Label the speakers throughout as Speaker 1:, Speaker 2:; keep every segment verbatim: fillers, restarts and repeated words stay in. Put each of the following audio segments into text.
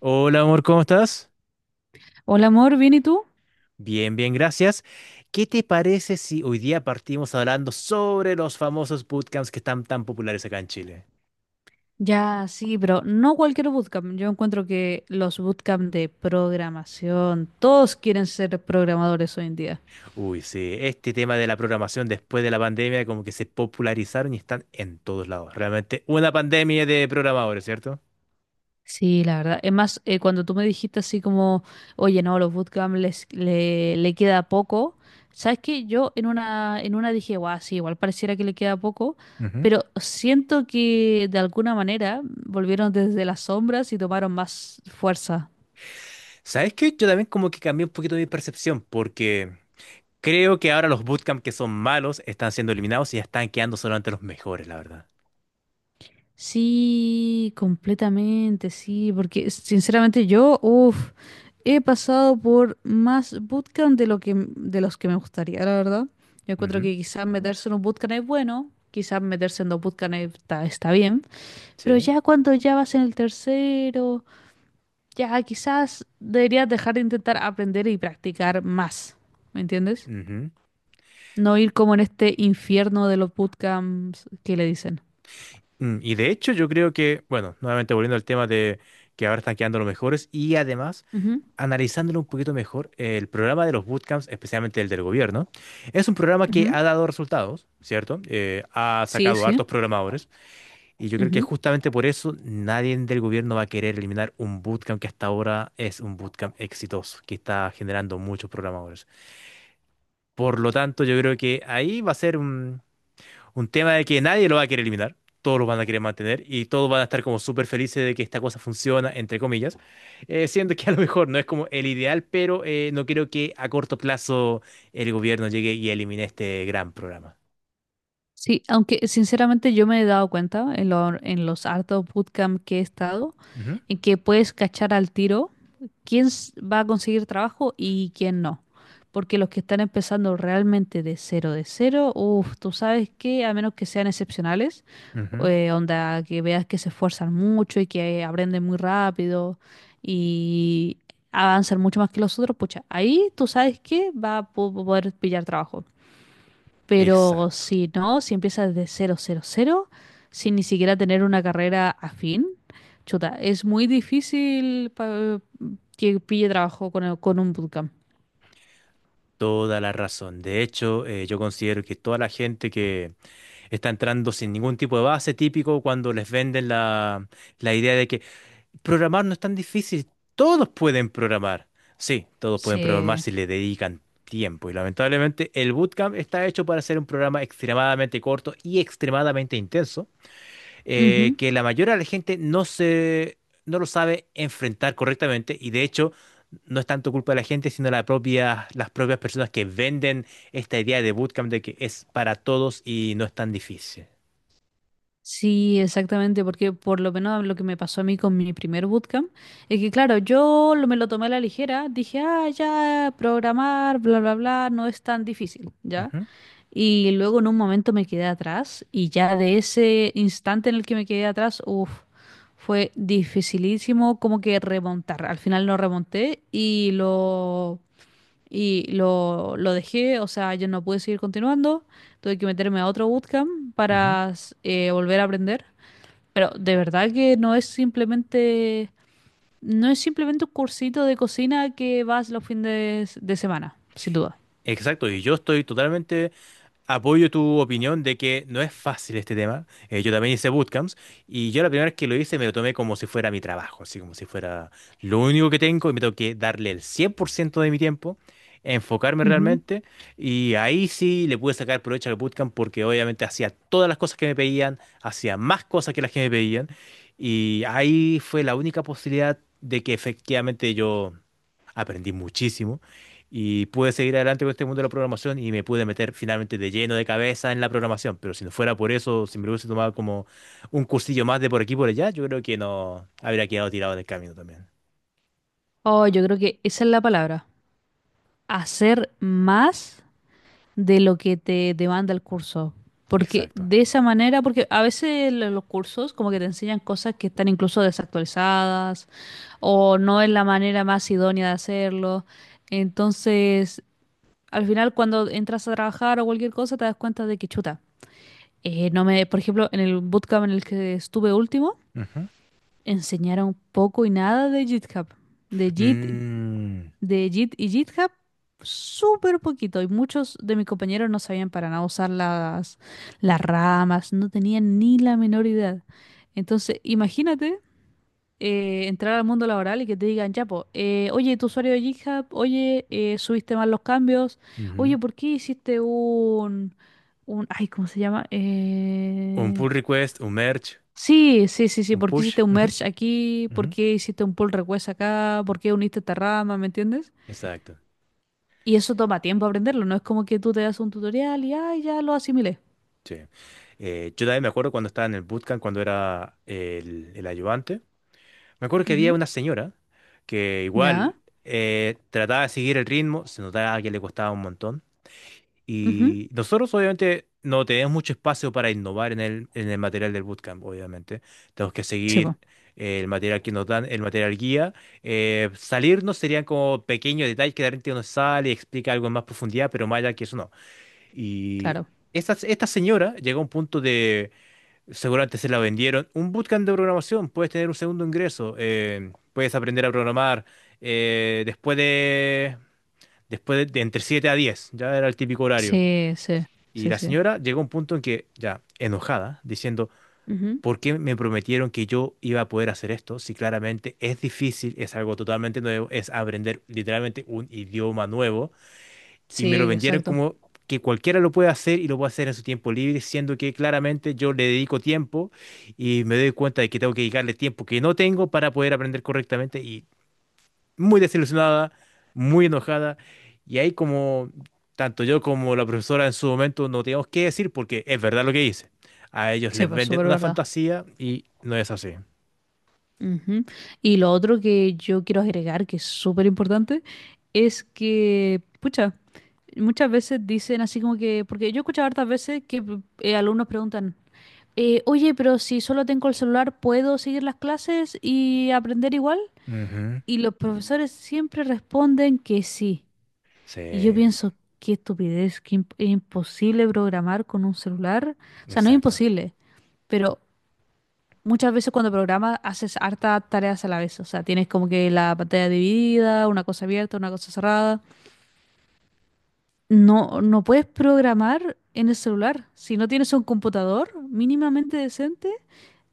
Speaker 1: Hola amor, ¿cómo estás?
Speaker 2: Hola amor, ¿bien y tú?
Speaker 1: Bien, bien, gracias. ¿Qué te parece si hoy día partimos hablando sobre los famosos bootcamps que están tan populares acá en Chile?
Speaker 2: Ya, sí, pero no cualquier bootcamp. Yo encuentro que los bootcamp de programación, todos quieren ser programadores hoy en día.
Speaker 1: Uy, sí, este tema de la programación después de la pandemia como que se popularizaron y están en todos lados. Realmente una pandemia de programadores, ¿cierto?
Speaker 2: Sí, la verdad. Es más, eh, cuando tú me dijiste así como, oye, no, los bootcamp les, le, le queda poco, ¿sabes qué? Yo en una, en una dije, guau, sí, igual pareciera que le queda poco,
Speaker 1: Ujú.
Speaker 2: pero siento que de alguna manera volvieron desde las sombras y tomaron más fuerza.
Speaker 1: ¿Sabes qué? Yo también como que cambié un poquito mi percepción porque creo que ahora los bootcamps que son malos están siendo eliminados y ya están quedando solamente los mejores, la verdad.
Speaker 2: Sí, completamente, sí, porque sinceramente yo, uff, he pasado por más bootcamp de lo que m- de los que me gustaría, la verdad. Yo encuentro
Speaker 1: Ujú.
Speaker 2: que quizás meterse en un bootcamp es bueno, quizás meterse en dos bootcamps está, está bien, pero
Speaker 1: Sí.
Speaker 2: ya cuando ya vas en el tercero, ya quizás deberías dejar de intentar aprender y practicar más, ¿me entiendes?
Speaker 1: Ujú.
Speaker 2: No ir como en este infierno de los bootcamps que le dicen.
Speaker 1: Mm, Y de hecho yo creo que, bueno, nuevamente volviendo al tema de que ahora están quedando los mejores y además
Speaker 2: Ujú,
Speaker 1: analizándolo un poquito mejor, el programa de los bootcamps, especialmente el del gobierno, es un programa que
Speaker 2: ujú.
Speaker 1: ha dado resultados, ¿cierto? Eh, ha
Speaker 2: Sí,
Speaker 1: sacado hartos
Speaker 2: sí.
Speaker 1: programadores y yo creo que justamente por eso nadie del gobierno va a querer eliminar un bootcamp que hasta ahora es un bootcamp exitoso, que está generando muchos programadores. Por lo tanto, yo creo que ahí va a ser un tema de que nadie lo va a querer eliminar, todos lo van a querer mantener y todos van a estar como súper felices de que esta cosa funciona, entre comillas, eh, siendo que a lo mejor no es como el ideal, pero eh, no creo que a corto plazo el gobierno llegue y elimine este gran programa.
Speaker 2: Sí, aunque sinceramente yo me he dado cuenta en, lo- en los hartos bootcamp que he estado,
Speaker 1: Ujú,
Speaker 2: en que puedes cachar al tiro quién s- va a conseguir trabajo y quién no. Porque los que están empezando realmente de cero, de cero, uff, tú sabes que a menos que sean excepcionales,
Speaker 1: ujú.
Speaker 2: eh, onda, que veas que se esfuerzan mucho y que aprenden muy rápido y avanzan mucho más que los otros, pucha, ahí tú sabes que va a po- poder pillar trabajo. Pero
Speaker 1: Exacto.
Speaker 2: si no, si empiezas de cero cero cero sin ni siquiera tener una carrera afín, chuta, es muy difícil pa- que pille trabajo con, el- con un bootcamp.
Speaker 1: Toda la razón. De hecho, eh, yo considero que toda la gente que está entrando sin ningún tipo de base típico cuando les venden la, la idea de que programar no es tan difícil. Todos pueden programar. Sí, todos pueden programar
Speaker 2: Sí.
Speaker 1: si le dedican tiempo. Y lamentablemente el bootcamp está hecho para ser un programa extremadamente corto y extremadamente intenso, eh,
Speaker 2: Ujú.
Speaker 1: que la mayoría de la gente no se, no lo sabe enfrentar correctamente. Y de hecho, no es tanto culpa de la gente, sino la propia, las propias personas que venden esta idea de bootcamp de que es para todos y no es tan difícil.
Speaker 2: Sí, exactamente, porque por lo menos lo que me pasó a mí con mi primer bootcamp es que, claro, yo lo- me lo tomé a la ligera, dije, ah, ya, programar, bla, bla, bla, no es tan difícil, ¿ya?
Speaker 1: Ujú,
Speaker 2: Y luego en un momento me quedé atrás y ya de ese instante en el que me quedé atrás, uff, fue dificilísimo como que remontar. Al final no remonté. y lo... Y lo, lo dejé, o sea, yo no pude seguir continuando, tuve que meterme a otro bootcamp
Speaker 1: ujú.
Speaker 2: para s- eh, volver a aprender. Pero de verdad que no es simplemente, no es simplemente un cursito de cocina que vas los fines de semana, sin duda.
Speaker 1: Exacto, y yo estoy totalmente. Apoyo tu opinión de que no es fácil este tema. Eh, yo también hice bootcamps y yo la primera vez que lo hice me lo tomé como si fuera mi trabajo, así como si fuera lo único que tengo y me tengo que darle el cien por ciento de mi tiempo, enfocarme
Speaker 2: Ujú.
Speaker 1: realmente y ahí sí le pude sacar provecho al bootcamp porque obviamente hacía todas las cosas que me pedían, hacía más cosas que las que me pedían y ahí fue la única posibilidad de que efectivamente yo aprendí muchísimo y pude seguir adelante con este mundo de la programación y me pude meter finalmente de lleno de cabeza en la programación. Pero si no fuera por eso, si me lo hubiese tomado como un cursillo más de por aquí y por allá, yo creo que no habría quedado tirado del camino también.
Speaker 2: Oh, yo creo que esa es la palabra. Hacer más de lo que te demanda el curso. Porque
Speaker 1: Exacto.
Speaker 2: de esa manera, porque a veces lo- los cursos como que te enseñan cosas que están incluso desactualizadas o no es la manera más idónea de hacerlo. Entonces, al final cuando entras a trabajar o cualquier cosa te das cuenta de que chuta, eh, no me, por ejemplo, en el bootcamp en el que estuve último,
Speaker 1: Ujú.
Speaker 2: enseñaron poco y nada de GitHub, de Git
Speaker 1: Mm,
Speaker 2: de Git y GitHub, súper poquito. Y muchos de mis compañeros no sabían para nada usar las, las ramas, no tenían ni la menor idea. Entonces, imagínate eh, entrar al mundo laboral y que te digan, ya, po, eh, oye, tu usuario de GitHub, oye, eh, subiste mal los cambios,
Speaker 1: ujú.
Speaker 2: oye, ¿por qué hiciste un, un, ay, ¿cómo se llama?
Speaker 1: Un
Speaker 2: Eh...
Speaker 1: pull request, un merge,
Speaker 2: Sí, sí, sí, sí.
Speaker 1: un
Speaker 2: ¿Por qué
Speaker 1: push.
Speaker 2: hiciste un
Speaker 1: Ujú,
Speaker 2: merge aquí? ¿Por
Speaker 1: ujú.
Speaker 2: qué hiciste un pull request acá? ¿Por qué uniste esta rama? ¿Me entiendes?
Speaker 1: Exacto.
Speaker 2: Y eso toma tiempo aprenderlo, no es como que tú te das un tutorial y ay, ya lo asimilé.
Speaker 1: Sí. Eh, yo también me acuerdo cuando estaba en el bootcamp, cuando era el, el ayudante. Me acuerdo que había
Speaker 2: Ujú.
Speaker 1: una señora que
Speaker 2: Ya.
Speaker 1: igual eh, trataba de seguir el ritmo, se notaba que le costaba un montón.
Speaker 2: Ujú.
Speaker 1: Y nosotros obviamente no tenemos mucho espacio para innovar en el, en el material del bootcamp, obviamente. Tenemos que
Speaker 2: Sí, pues,
Speaker 1: seguir eh, el material que nos dan, el material guía. Eh, salirnos serían como pequeños detalles que de repente uno sale y explica algo en más profundidad, pero más allá que eso no. Y
Speaker 2: claro.
Speaker 1: esta, esta señora llegó a un punto de. Seguramente se la vendieron. Un bootcamp de programación, puedes tener un segundo ingreso, eh, puedes aprender a programar eh, después de, después de, de entre siete a diez, ya era el típico horario.
Speaker 2: Sí, sí,
Speaker 1: Y
Speaker 2: sí,
Speaker 1: la
Speaker 2: sí.
Speaker 1: señora llegó a un punto en que, ya enojada, diciendo,
Speaker 2: Ujú.
Speaker 1: ¿por qué me prometieron que yo iba a poder hacer esto? Si claramente es difícil, es algo totalmente nuevo, es aprender literalmente un idioma nuevo y me lo
Speaker 2: Sí,
Speaker 1: vendieron
Speaker 2: exacto.
Speaker 1: como que cualquiera lo puede hacer y lo puede hacer en su tiempo libre, siendo que claramente yo le dedico tiempo y me doy cuenta de que tengo que dedicarle tiempo que no tengo para poder aprender correctamente y muy desilusionada, muy enojada. Y ahí como tanto yo como la profesora en su momento no teníamos qué decir porque es verdad lo que dice. A ellos
Speaker 2: Sí,
Speaker 1: les
Speaker 2: pues,
Speaker 1: venden
Speaker 2: súper
Speaker 1: una
Speaker 2: verdad.
Speaker 1: fantasía y no es así.
Speaker 2: Ujú. Y lo otro que yo quiero agregar, que es súper importante, es que, pucha, muchas veces dicen así como que, porque yo he escuchado hartas veces que eh, alumnos preguntan, eh, oye, pero si solo tengo el celular, ¿puedo seguir las clases y aprender igual?
Speaker 1: Ujú.
Speaker 2: Y los profesores siempre responden que sí.
Speaker 1: Sí,
Speaker 2: Y yo pienso, qué estupidez, que imp- es imposible programar con un celular. O sea, no es
Speaker 1: exacto.
Speaker 2: imposible, pero muchas veces cuando programas haces hartas tareas a la vez. O sea, tienes como que la pantalla dividida, una cosa abierta, una cosa cerrada. No, no puedes programar en el celular. Si no tienes un computador mínimamente decente,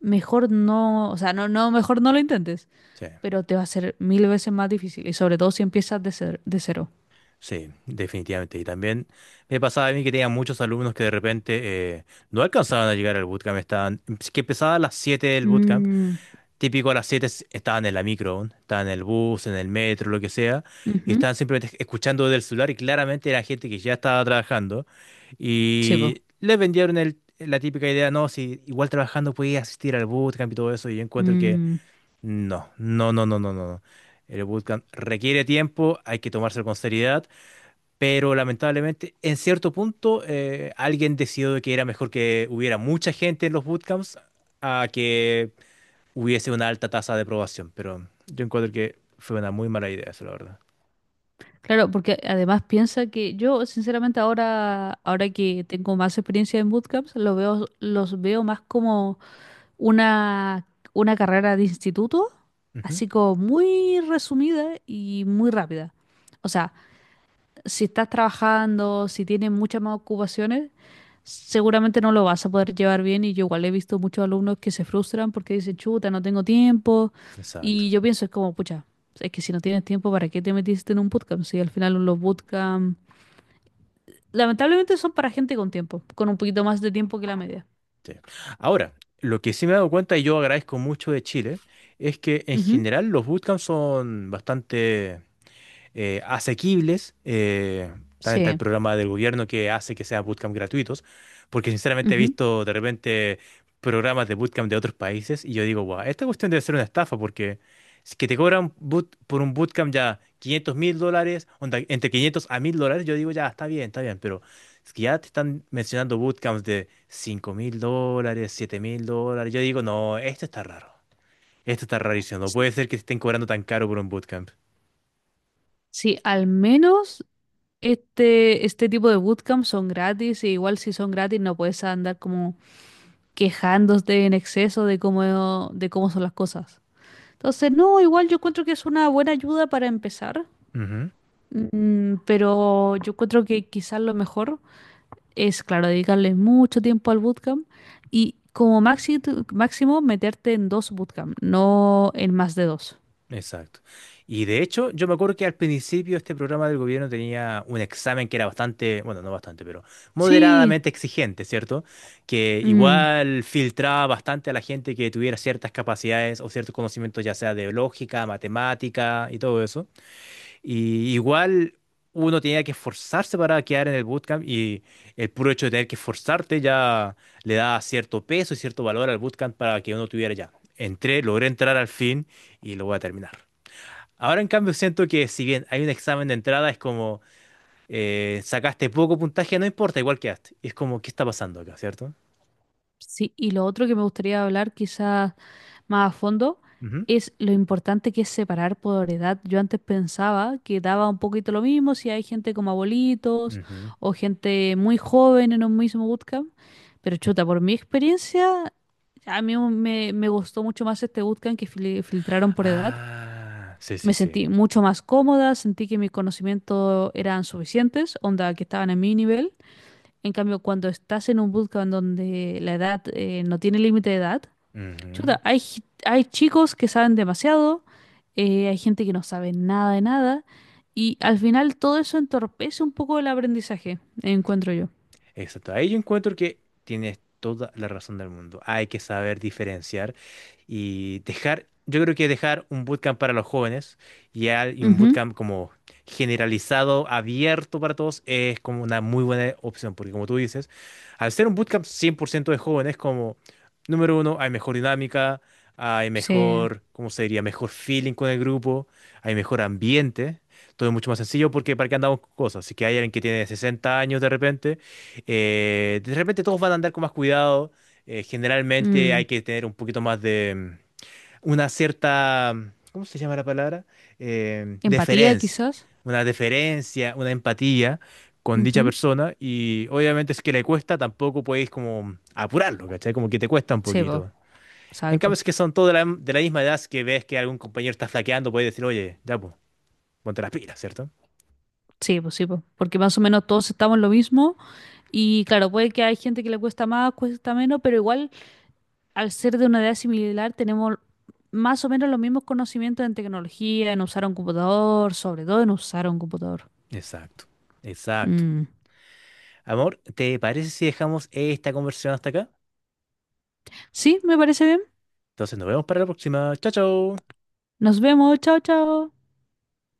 Speaker 2: mejor no, o sea, no, no, mejor no lo intentes.
Speaker 1: Sí.
Speaker 2: Pero te va a ser mil veces más difícil y sobre todo si empiezas de cer- de cero.
Speaker 1: Sí, definitivamente. Y también me pasaba a mí que tenía muchos alumnos que de repente eh, no alcanzaban a llegar al bootcamp. Estaban, si que empezaba a las siete del bootcamp.
Speaker 2: Mm,
Speaker 1: Típico a las siete s- estaban en la micro, aún, estaban en el bus, en el metro, lo que sea. Y
Speaker 2: ujú.
Speaker 1: estaban simplemente escuchando desde el celular y claramente era gente que ya estaba trabajando.
Speaker 2: Sí, po.
Speaker 1: Y les vendieron el, la típica idea, no, si igual trabajando podías asistir al bootcamp y todo eso. Y yo encuentro que
Speaker 2: Mm,
Speaker 1: no, no, no, no, no, no, no. El bootcamp requiere tiempo, hay que tomárselo con seriedad. Pero lamentablemente, en cierto punto, eh, alguien decidió de que era mejor que hubiera mucha gente en los bootcamps a que hubiese una alta tasa de aprobación. Pero yo encuentro que fue una muy mala idea, eso, la verdad.
Speaker 2: Claro, porque además piensa que yo, sinceramente, ahora, ahora que tengo más experiencia en bootcamps, lo veo, los veo más como una, una carrera de instituto,
Speaker 1: Ujú.
Speaker 2: así como muy resumida y muy rápida. O sea, si estás trabajando, si tienes muchas más ocupaciones, seguramente no lo vas a poder llevar bien. Y yo igual he visto muchos alumnos que se frustran porque dicen, chuta, no tengo tiempo.
Speaker 1: Exacto.
Speaker 2: Y yo pienso, es como, pucha, es que si no tienes tiempo, ¿para qué te metiste en un bootcamp? Si al final los bootcamp, lamentablemente son para gente con tiempo, con un poquito más de tiempo que la media.
Speaker 1: Sí. Ahora, lo que sí me he dado cuenta, y yo agradezco mucho de Chile, es que en
Speaker 2: Ujú.
Speaker 1: general los bootcamps son bastante eh, asequibles. Eh, también está el
Speaker 2: Sí.
Speaker 1: programa del gobierno que hace que sean bootcamp gratuitos, porque sinceramente he
Speaker 2: Ujú.
Speaker 1: visto de repente programas de bootcamp de otros países y yo digo, wow, esta cuestión debe ser una estafa porque si que te cobran boot- por un bootcamp ya quinientos mil dólares, onda, entre quinientos a mil dólares, yo digo, ya, está bien, está bien, pero es que ya te están mencionando bootcamps de cinco mil dólares, siete mil dólares, yo digo, no, esto está raro, esto está rarísimo, no
Speaker 2: S-
Speaker 1: puede ser que te estén cobrando tan caro por un bootcamp.
Speaker 2: Sí, al menos este, este tipo de bootcamp son gratis, e igual si son gratis no puedes andar como quejándose en exceso de cómo, de cómo son las cosas. Entonces, no, igual yo encuentro que es una buena ayuda para empezar, mm, pero yo encuentro que quizás lo mejor es, claro, dedicarle mucho tiempo al bootcamp y como maxi- máximo meterte en dos bootcamp, no en más de dos.
Speaker 1: Exacto. Y de hecho, yo me acuerdo que al principio este programa del gobierno tenía un examen que era bastante, bueno, no bastante, pero
Speaker 2: Sí,
Speaker 1: moderadamente exigente, ¿cierto? Que
Speaker 2: mm.
Speaker 1: igual filtraba bastante a la gente que tuviera ciertas capacidades o ciertos conocimientos, ya sea de lógica, matemática y todo eso. Y igual uno tenía que esforzarse para quedar en el bootcamp y el puro hecho de tener que esforzarte ya le da cierto peso y cierto valor al bootcamp para que uno tuviera ya. Entré, logré entrar al fin y lo voy a terminar. Ahora, en cambio, siento que si bien hay un examen de entrada, es como eh, sacaste poco puntaje, no importa, igual quedaste. Es como, ¿qué está pasando acá, cierto?
Speaker 2: Sí, y lo otro que me gustaría hablar quizás más a fondo
Speaker 1: Ujú,
Speaker 2: es lo importante que es separar por edad. Yo antes pensaba que daba un poquito lo mismo si hay gente como abuelitos
Speaker 1: ujú.
Speaker 2: o gente muy joven en un mismo bootcamp, pero chuta, por mi experiencia, a mí me, me gustó mucho más este bootcamp que fili- filtraron por edad.
Speaker 1: Ah, sí, sí,
Speaker 2: Me
Speaker 1: sí.
Speaker 2: sentí mucho más cómoda, sentí que mis conocimientos eran suficientes, onda que estaban a mi nivel. En cambio, cuando estás en un bootcamp donde la edad eh, no tiene límite de edad,
Speaker 1: Ujú.
Speaker 2: chuta, hay, gi- hay chicos que saben demasiado, eh, hay gente que no sabe nada de nada, y al final todo eso entorpece un poco el aprendizaje, encuentro yo.
Speaker 1: Exacto. Ahí yo encuentro que tienes toda la razón del mundo. Hay que saber diferenciar y dejar, yo creo que dejar un bootcamp para los jóvenes y al- y un
Speaker 2: Ujú.
Speaker 1: bootcamp como generalizado, abierto para todos, es como una muy buena opción, porque como tú dices, al ser un bootcamp cien por ciento de jóvenes, como número uno, hay mejor dinámica, hay
Speaker 2: Sí.
Speaker 1: mejor, ¿cómo se diría? Mejor feeling con el grupo, hay mejor ambiente. Todo es mucho más sencillo porque para qué andamos con cosas. Si que hay alguien que tiene sesenta años de repente, eh, de repente todos van a andar con más cuidado. Eh, generalmente
Speaker 2: Mm,
Speaker 1: hay que tener un poquito más de mm, una cierta, mm, ¿cómo se llama la palabra? Eh,
Speaker 2: Empatía,
Speaker 1: deferencia.
Speaker 2: quizás.
Speaker 1: Una deferencia, una empatía con dicha
Speaker 2: Ujú.
Speaker 1: persona. Y obviamente si es que le cuesta, tampoco podéis como apurarlo, ¿cachai? Como que te cuesta un
Speaker 2: Sí, po,
Speaker 1: poquito. En cambio,
Speaker 2: exacto.
Speaker 1: si es que son todos de la, de la misma edad, si que ves que algún compañero está flaqueando, podéis decir, oye, ya, po, ponte las pilas, ¿cierto?
Speaker 2: Sí, pues sí, po. Porque más o menos todos estamos en lo mismo, y claro, puede que hay gente que le cuesta más, cuesta menos, pero igual, al ser de una edad similar, tenemos más o menos los mismos conocimientos en tecnología, en usar un computador, sobre todo en usar un computador.
Speaker 1: Exacto, exacto.
Speaker 2: Mm.
Speaker 1: Amor, ¿te parece si dejamos esta conversación hasta acá?
Speaker 2: Sí, me parece bien.
Speaker 1: Entonces nos vemos para la próxima. Chao, chao.
Speaker 2: Nos vemos. Chao, chao.